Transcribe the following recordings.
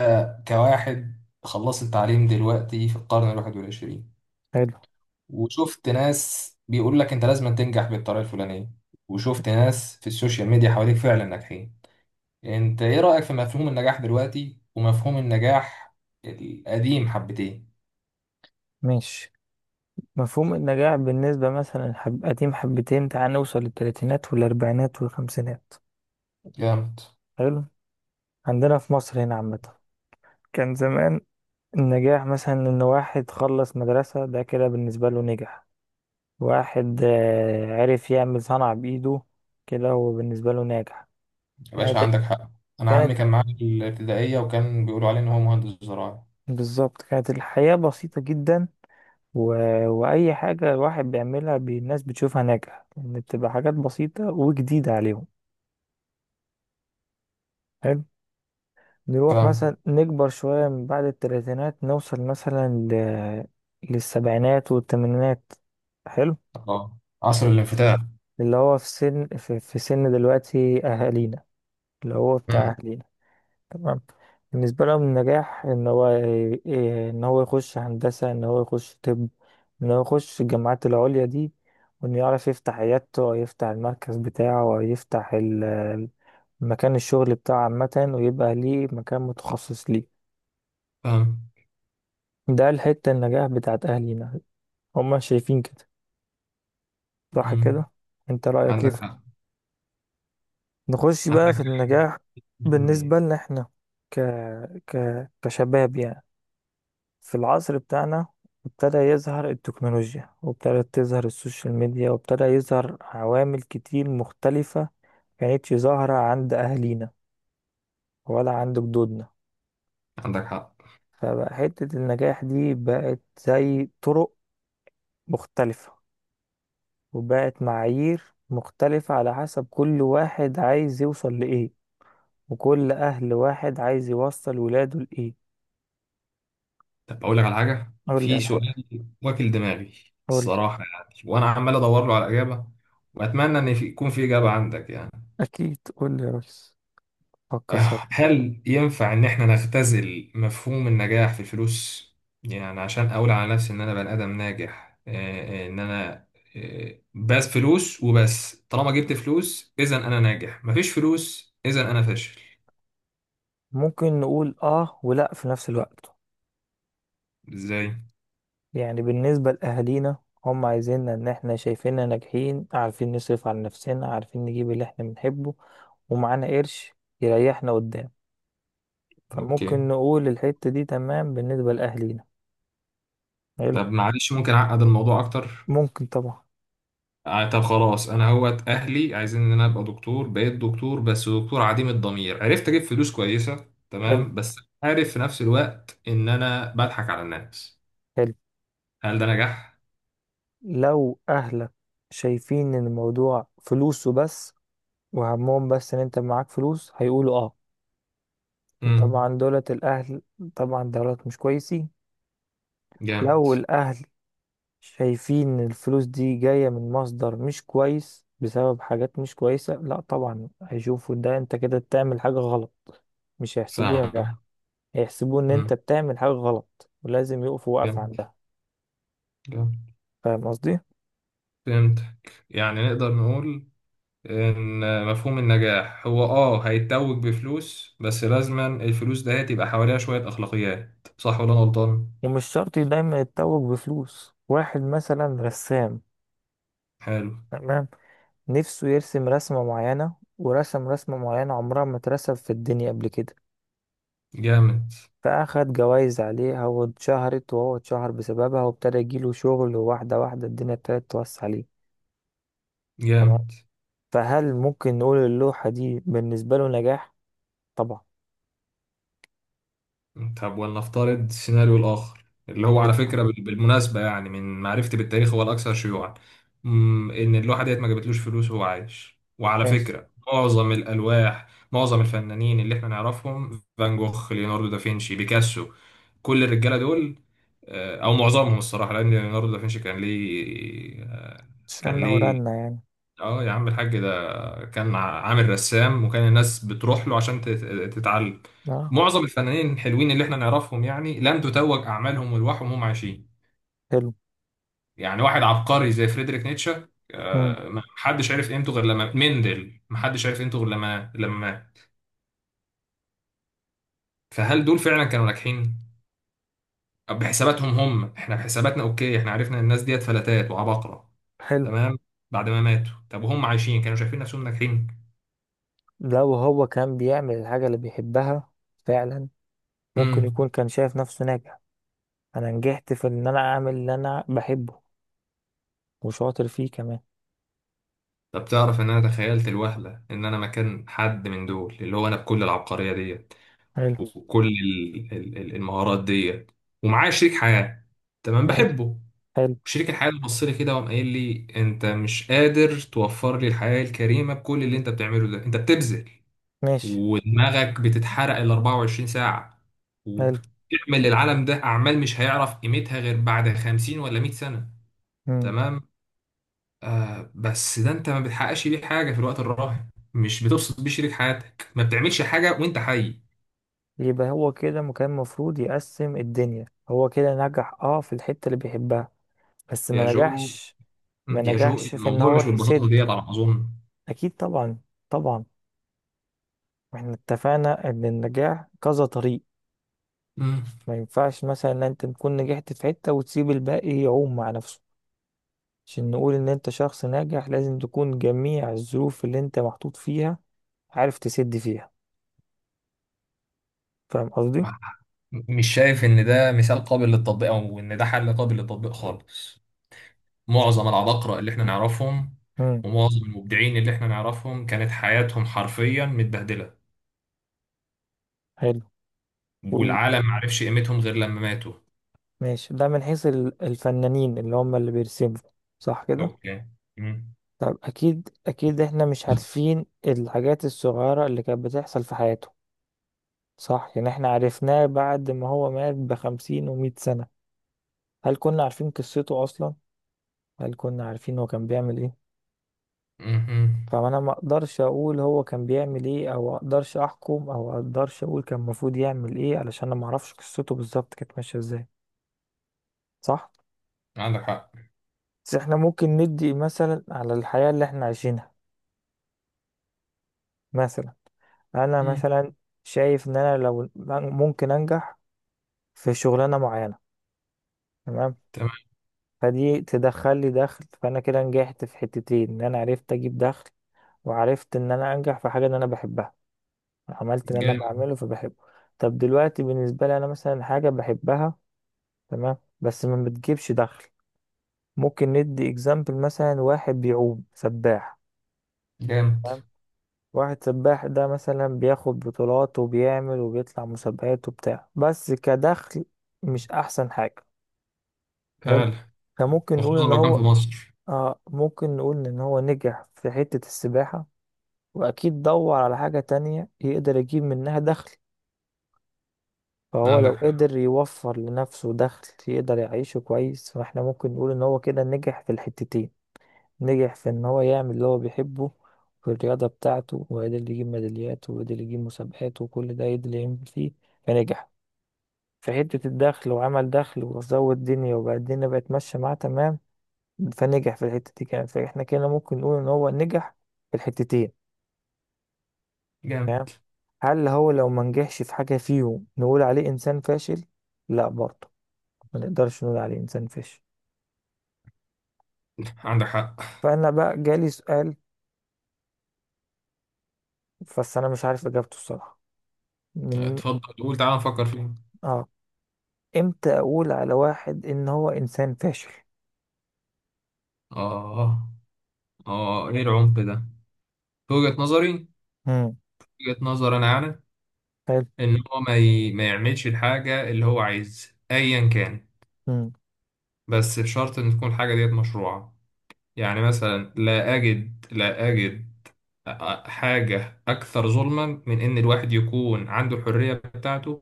كواحد خلصت تعليم دلوقتي في القرن الواحد والعشرين، حلو. وشفت ناس بيقول لك انت لازم تنجح بالطريقة الفلانية، وشفت ناس في السوشيال ميديا حواليك فعلا ناجحين. انت ايه رأيك في مفهوم النجاح دلوقتي ومفهوم النجاح القديم حبتين؟ ماشي. مفهوم النجاح بالنسبة مثلا قديم حبتين، تعال نوصل للتلاتينات والأربعينات والخمسينات. جامد. حلو. عندنا في مصر هنا عامة، كان زمان النجاح مثلا إن واحد خلص مدرسة، ده كده بالنسبة له نجح. واحد عرف يعمل صنعة بإيده، كده هو بالنسبة له ناجح. يا باشا كانت عندك حق. انا عمي كانت كان معايا في الابتدائية وكان بيقولوا عليه ان هو مهندس زراعي. بالظبط، كانت الحياة بسيطة جدا. و... وأي حاجة الواحد بيعملها، الناس بتشوفها ناجحة، يعني بتبقى حاجات بسيطة وجديدة عليهم. حلو. نروح فاهم. مثلا نكبر شوية من بعد التلاتينات، نوصل مثلا للسبعينات والثمانينات. حلو. اه، عصر الانفتاح. اللي هو في سن دلوقتي أهالينا، اللي هو بتاع امم. أهالينا. تمام. بالنسبة لهم النجاح إن هو إن هو يخش هندسة، إن هو يخش طب، إن هو يخش الجامعات العليا دي، وإنه يعرف يفتح عيادته أو يفتح المركز بتاعه أو يفتح مكان الشغل بتاعه عامة، ويبقى ليه مكان متخصص ليه. فاهم. ده الحتة النجاح بتاعت أهلنا، هما شايفين كده، صح امم. كده؟ انت رأيك ايه عندك حق. نخش بقى في عندك النجاح. 100%. بالنسبة لنا احنا، ك... ك... كشباب يعني، في العصر بتاعنا ابتدى يظهر التكنولوجيا، وابتدت تظهر السوشيال ميديا، وابتدى يظهر عوامل كتير مختلفة، كانتش ظاهرة عند أهلينا ولا عند جدودنا. عندك حق. فبقى حتة النجاح دي بقت زي طرق مختلفة، وبقت معايير مختلفة على حسب كل واحد عايز يوصل لإيه، وكل أهل واحد عايز يوصل ولاده لإيه. طب اقول لك على حاجه، قول لي في على حاجة. سؤال واكل دماغي قول لي. الصراحه، يعني وانا عمال ادور له على اجابه، واتمنى ان يكون في اجابه عندك يعني. أكيد، قول لي يا ريس، فكر سوا. هل ينفع ان احنا نختزل مفهوم النجاح في الفلوس؟ يعني عشان اقول على نفسي ان انا بني ادم ناجح. آه، آه، ان انا آه، بس فلوس وبس، طالما جبت فلوس اذا انا ناجح، مفيش فلوس اذا انا فاشل. ممكن نقول آه ولأ في نفس الوقت. ازاي؟ يعني بالنسبة لأهالينا، هم عايزيننا إن إحنا شايفيننا ناجحين، عارفين نصرف على نفسنا، عارفين نجيب اللي إحنا بنحبه، ومعانا قرش يريحنا قدام، اوكي. فممكن نقول الحتة دي تمام بالنسبة لأهالينا. حلو. طب معلش ممكن اعقد الموضوع اكتر؟ ممكن طبعا. طب خلاص، انا هوت اهلي عايزين ان انا ابقى دكتور، بقيت دكتور بس دكتور عديم الضمير عرفت اجيب فلوس كويسه. حلو. تمام، بس عارف في نفس الوقت ان انا بضحك على الناس. حلو. هل ده نجاح؟ لو اهلك شايفين ان الموضوع فلوسه بس، وهمهم بس ان انت معاك فلوس، هيقولوا اه. امم. وطبعا دولت الاهل، طبعا دولت مش كويسين. جامد. لو الاهل شايفين ان الفلوس دي جاية من مصدر مش كويس بسبب حاجات مش كويسة، لا طبعا هيشوفوا ده انت كده بتعمل حاجة غلط، مش هيحسبوه نجاح، فاهم. هيحسبوه ان انت امم. بتعمل حاجة غلط ولازم يقفوا وقف جامد. عندها. جامد. فاهم قصدي؟ فهمت. يعني نقدر نقول ان مفهوم النجاح هو هيتوج بفلوس بس، لازما الفلوس ده هتبقى حواليها شويه اخلاقيات، صح ولا أنا غلطان؟ ومش شرط دايما يتوج بفلوس. واحد مثلا رسام، حلو. تمام، نفسه يرسم رسمة معينة، ورسم رسمة معينة عمرها ما اترسم في الدنيا قبل كده، جامد. فأخد جوايز عليها واتشهرت، وهو اتشهر بسببها، وابتدى يجيله شغل، وواحدة واحدة الدنيا ابتدت توسع عليه. جامد. فهل ممكن نقول اللوحة دي بالنسبة له نجاح؟ طبعا. طب ولنفترض السيناريو الآخر، اللي هو حلو. على فكرة بالمناسبة يعني من معرفتي بالتاريخ هو الأكثر شيوعا. إن اللوحة ديت ما جابتلوش فلوس وهو عايش، وعلى ماشي. فكرة معظم الألواح، معظم الفنانين اللي إحنا نعرفهم، فان جوخ، ليوناردو دافنشي، بيكاسو، كل الرجالة دول، أو معظمهم الصراحة، لأن ليوناردو دافنشي كان ليه. كان شلنا ليه، ورنا يعني. اه يا عم الحاج ده كان عامل رسام، وكان الناس بتروح له عشان تتعلم. اه. معظم الفنانين الحلوين اللي احنا نعرفهم يعني لم تتوج اعمالهم والواحهم وهم عايشين. حلو. يعني واحد عبقري زي فريدريك نيتشه، مم. ما حدش عرف قيمته غير لما مندل، ما حدش عرف قيمته غير لما مات. فهل دول فعلا كانوا ناجحين؟ طب بحساباتهم هم، احنا بحساباتنا اوكي، احنا عرفنا ان الناس ديت فلتات وعباقرة. حلو. تمام. بعد ما ماتوا، طب وهم عايشين كانوا شايفين نفسهم ناجحين؟ لو هو كان بيعمل الحاجة اللي بيحبها فعلا، ممكن امم. يكون كان شايف نفسه ناجح. أنا نجحت في إن أنا أعمل اللي أنا بحبه، وشاطر فيه كمان. طب تعرف ان انا تخيلت الوهله ان انا مكان حد من دول، اللي هو انا بكل العبقريه ديت حلو. وكل المهارات ديت، ومعايا شريك حياه، تمام ماشي. بحبه. حلو. وشريك الحياه اللي بص لي كده وقام قايل لي انت مش قادر توفر لي الحياه الكريمه، بكل اللي انت بتعمله ده انت بتبذل، ماشي. ودماغك بتتحرق ال 24 ساعه، حلو. وبتعمل للعالم ده اعمال مش هيعرف قيمتها غير بعد 50 ولا 100 سنه. مم. تمام. بس ده انت ما بتحققش بيه حاجه في الوقت الراهن، مش بتبسط بيه شريك حياتك، ما بتعملش حاجه وانت حي. يبقى هو كده كان المفروض يقسم الدنيا، هو كده نجح اه في الحتة اللي بيحبها، بس يا ما جو. نجحش. ما يا جو نجحش في ان الموضوع هو مش بالبساطه يسد. ديت على ما اظن. اكيد طبعا. طبعا احنا اتفقنا ان النجاح كذا طريق. مم. ما ينفعش مثلا ان انت تكون نجحت في حتة وتسيب الباقي يعوم مع نفسه. عشان نقول ان انت شخص ناجح لازم تكون جميع الظروف اللي انت محطوط فيها عارف تسد فيها. فاهم قصدي؟ مش شايف ان ده مثال قابل للتطبيق، او ان ده حل قابل للتطبيق خالص. معظم العباقرة اللي احنا نعرفهم، مم. ومعظم المبدعين اللي احنا نعرفهم كانت حياتهم حرفيا متبهدلة، حلو. وال... والعالم معرفش قيمتهم غير لما ماتوا. ماشي، ده من حيث الفنانين اللي هم اللي بيرسموا، صح كده؟ اوكي. مم. طب اكيد اكيد احنا مش عارفين الحاجات الصغيرة اللي كانت بتحصل في حياته. صح، يعني احنا عرفناه بعد ما هو مات بخمسين ومية سنة. هل كنا عارفين قصته اصلا؟ هل كنا عارفين هو كان بيعمل ايه؟ مم. فانا ما اقدرش اقول هو كان بيعمل ايه، او اقدرش احكم، او اقدرش اقول كان المفروض يعمل ايه، علشان انا ما اعرفش قصته بالظبط كانت ماشية ازاي. صح. عندك حق. بس احنا ممكن ندي مثلا على الحياة اللي احنا عايشينها، مثلا انا مم. مثلا شايف ان انا لو ممكن انجح في شغلانه معينه، تمام، فدي تدخل لي دخل، فانا كده نجحت في حتتين، ان انا عرفت اجيب دخل، وعرفت ان انا انجح في حاجه ان انا بحبها، عملت ان انا تمام. بعمله فبحبه. طب دلوقتي بالنسبه لي انا مثلا حاجه بحبها، تمام، بس ما بتجيبش دخل. ممكن ندي اكزامبل مثلا واحد بيعوم سباح، جامد. واحد سباح ده مثلا بياخد بطولات، وبيعمل وبيطلع مسابقات وبتاع، بس كدخل مش احسن حاجة. حلو. فعلا. فممكن نقول وخصوصا ان لو كان في هو مصر. آه، ممكن نقول ان هو نجح في حتة السباحة، واكيد دور على حاجة تانية يقدر يجيب منها دخل، فهو عندك لو حق. قدر يوفر لنفسه دخل يقدر يعيشه كويس، فاحنا ممكن نقول ان هو كده نجح في الحتتين. نجح في ان هو يعمل اللي هو بيحبه في الرياضة بتاعته، وقدر يجيب ميداليات، وقدر يجيب مسابقات، وكل ده قدر يعمل فيه، فنجح في حتة الدخل وعمل دخل وزود الدنيا، وبقى الدنيا بقت ماشية معاه تمام، فنجح في الحتة دي كمان، فاحنا كده ممكن نقول ان هو نجح في الحتتين. تمام. جامد. هل هو لو ما نجحش في حاجة فيهم نقول عليه انسان فاشل؟ لا برضه، ما نقدرش نقول عليه انسان فاشل. عندك حق. فانا بقى جالي سؤال، بس انا مش عارف اجابته الصراحة. من. اتفضل قول، تعالى نفكر فيه. اه. امتى اقول على واحد ان هو انسان فاشل؟ اه. اه ايه العمق ده؟ في وجهة نظري، امم. وجهة نظر انا اعلى، حلو. ان هو ما يعملش الحاجة اللي هو عايز ايا كان، امم. بس بشرط ان تكون الحاجة ديت مشروعة. يعني مثلا لا اجد حاجة أكثر ظلما من إن الواحد يكون عنده الحرية بتاعته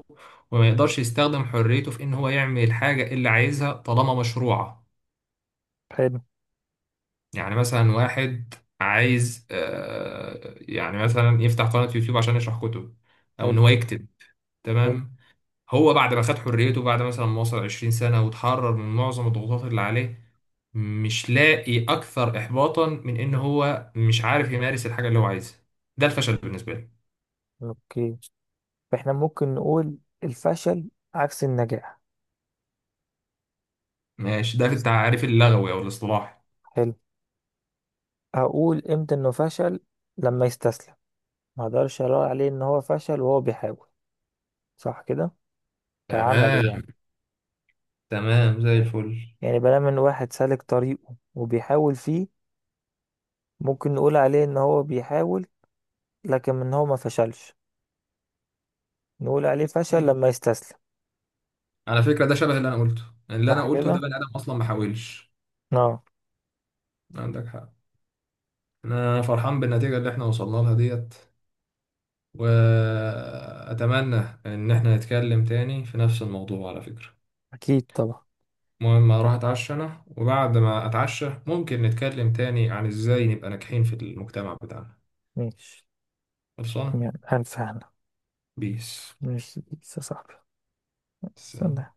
وما يقدرش يستخدم حريته في إن هو يعمل الحاجة اللي عايزها طالما مشروعة. حلو. يعني مثلا واحد عايز، يعني مثلا يفتح قناة يوتيوب عشان يشرح كتب، أو إن حلو. هو يكتب. حلو. تمام. هو بعد ما خد حريته، بعد مثلا ما وصل 20 سنة وتحرر من معظم الضغوطات اللي عليه، مش لاقي أكثر إحباطا من إن هو مش عارف يمارس الحاجة اللي هو عايزها. ده الفشل بالنسبة لي. اوكي. فاحنا ممكن نقول الفشل عكس النجاح. ماشي، ده في التعريف اللغوي او الاصطلاحي. حلو. اقول امتى انه فشل؟ لما يستسلم. ما اقدرش اقول عليه ان هو فشل وهو بيحاول، صح كده؟ كعملي تمام. يعني، تمام زي الفل. يعني بلام ان واحد سالك طريقه وبيحاول فيه ممكن نقول عليه ان هو بيحاول، لكن من هو ما فشلش، نقول عليه فشل مم. لما يستسلم. على فكرة ده شبه اللي انا قلته. اللي انا صح قلته ده كده. بني ادم اصلا ما حاولش. اه. عندك حق. انا فرحان بالنتيجة اللي احنا وصلنا لها ديت، واتمنى ان احنا نتكلم تاني في نفس الموضوع على فكرة. اكيد طبعا. المهم اروح اتعشى انا، وبعد ما اتعشى ممكن نتكلم تاني عن ازاي نبقى ناجحين في المجتمع بتاعنا. ماشي. خلصانة. يعني ألف هنا. بيس. ماشي يا صاحبي. سلام. سلام.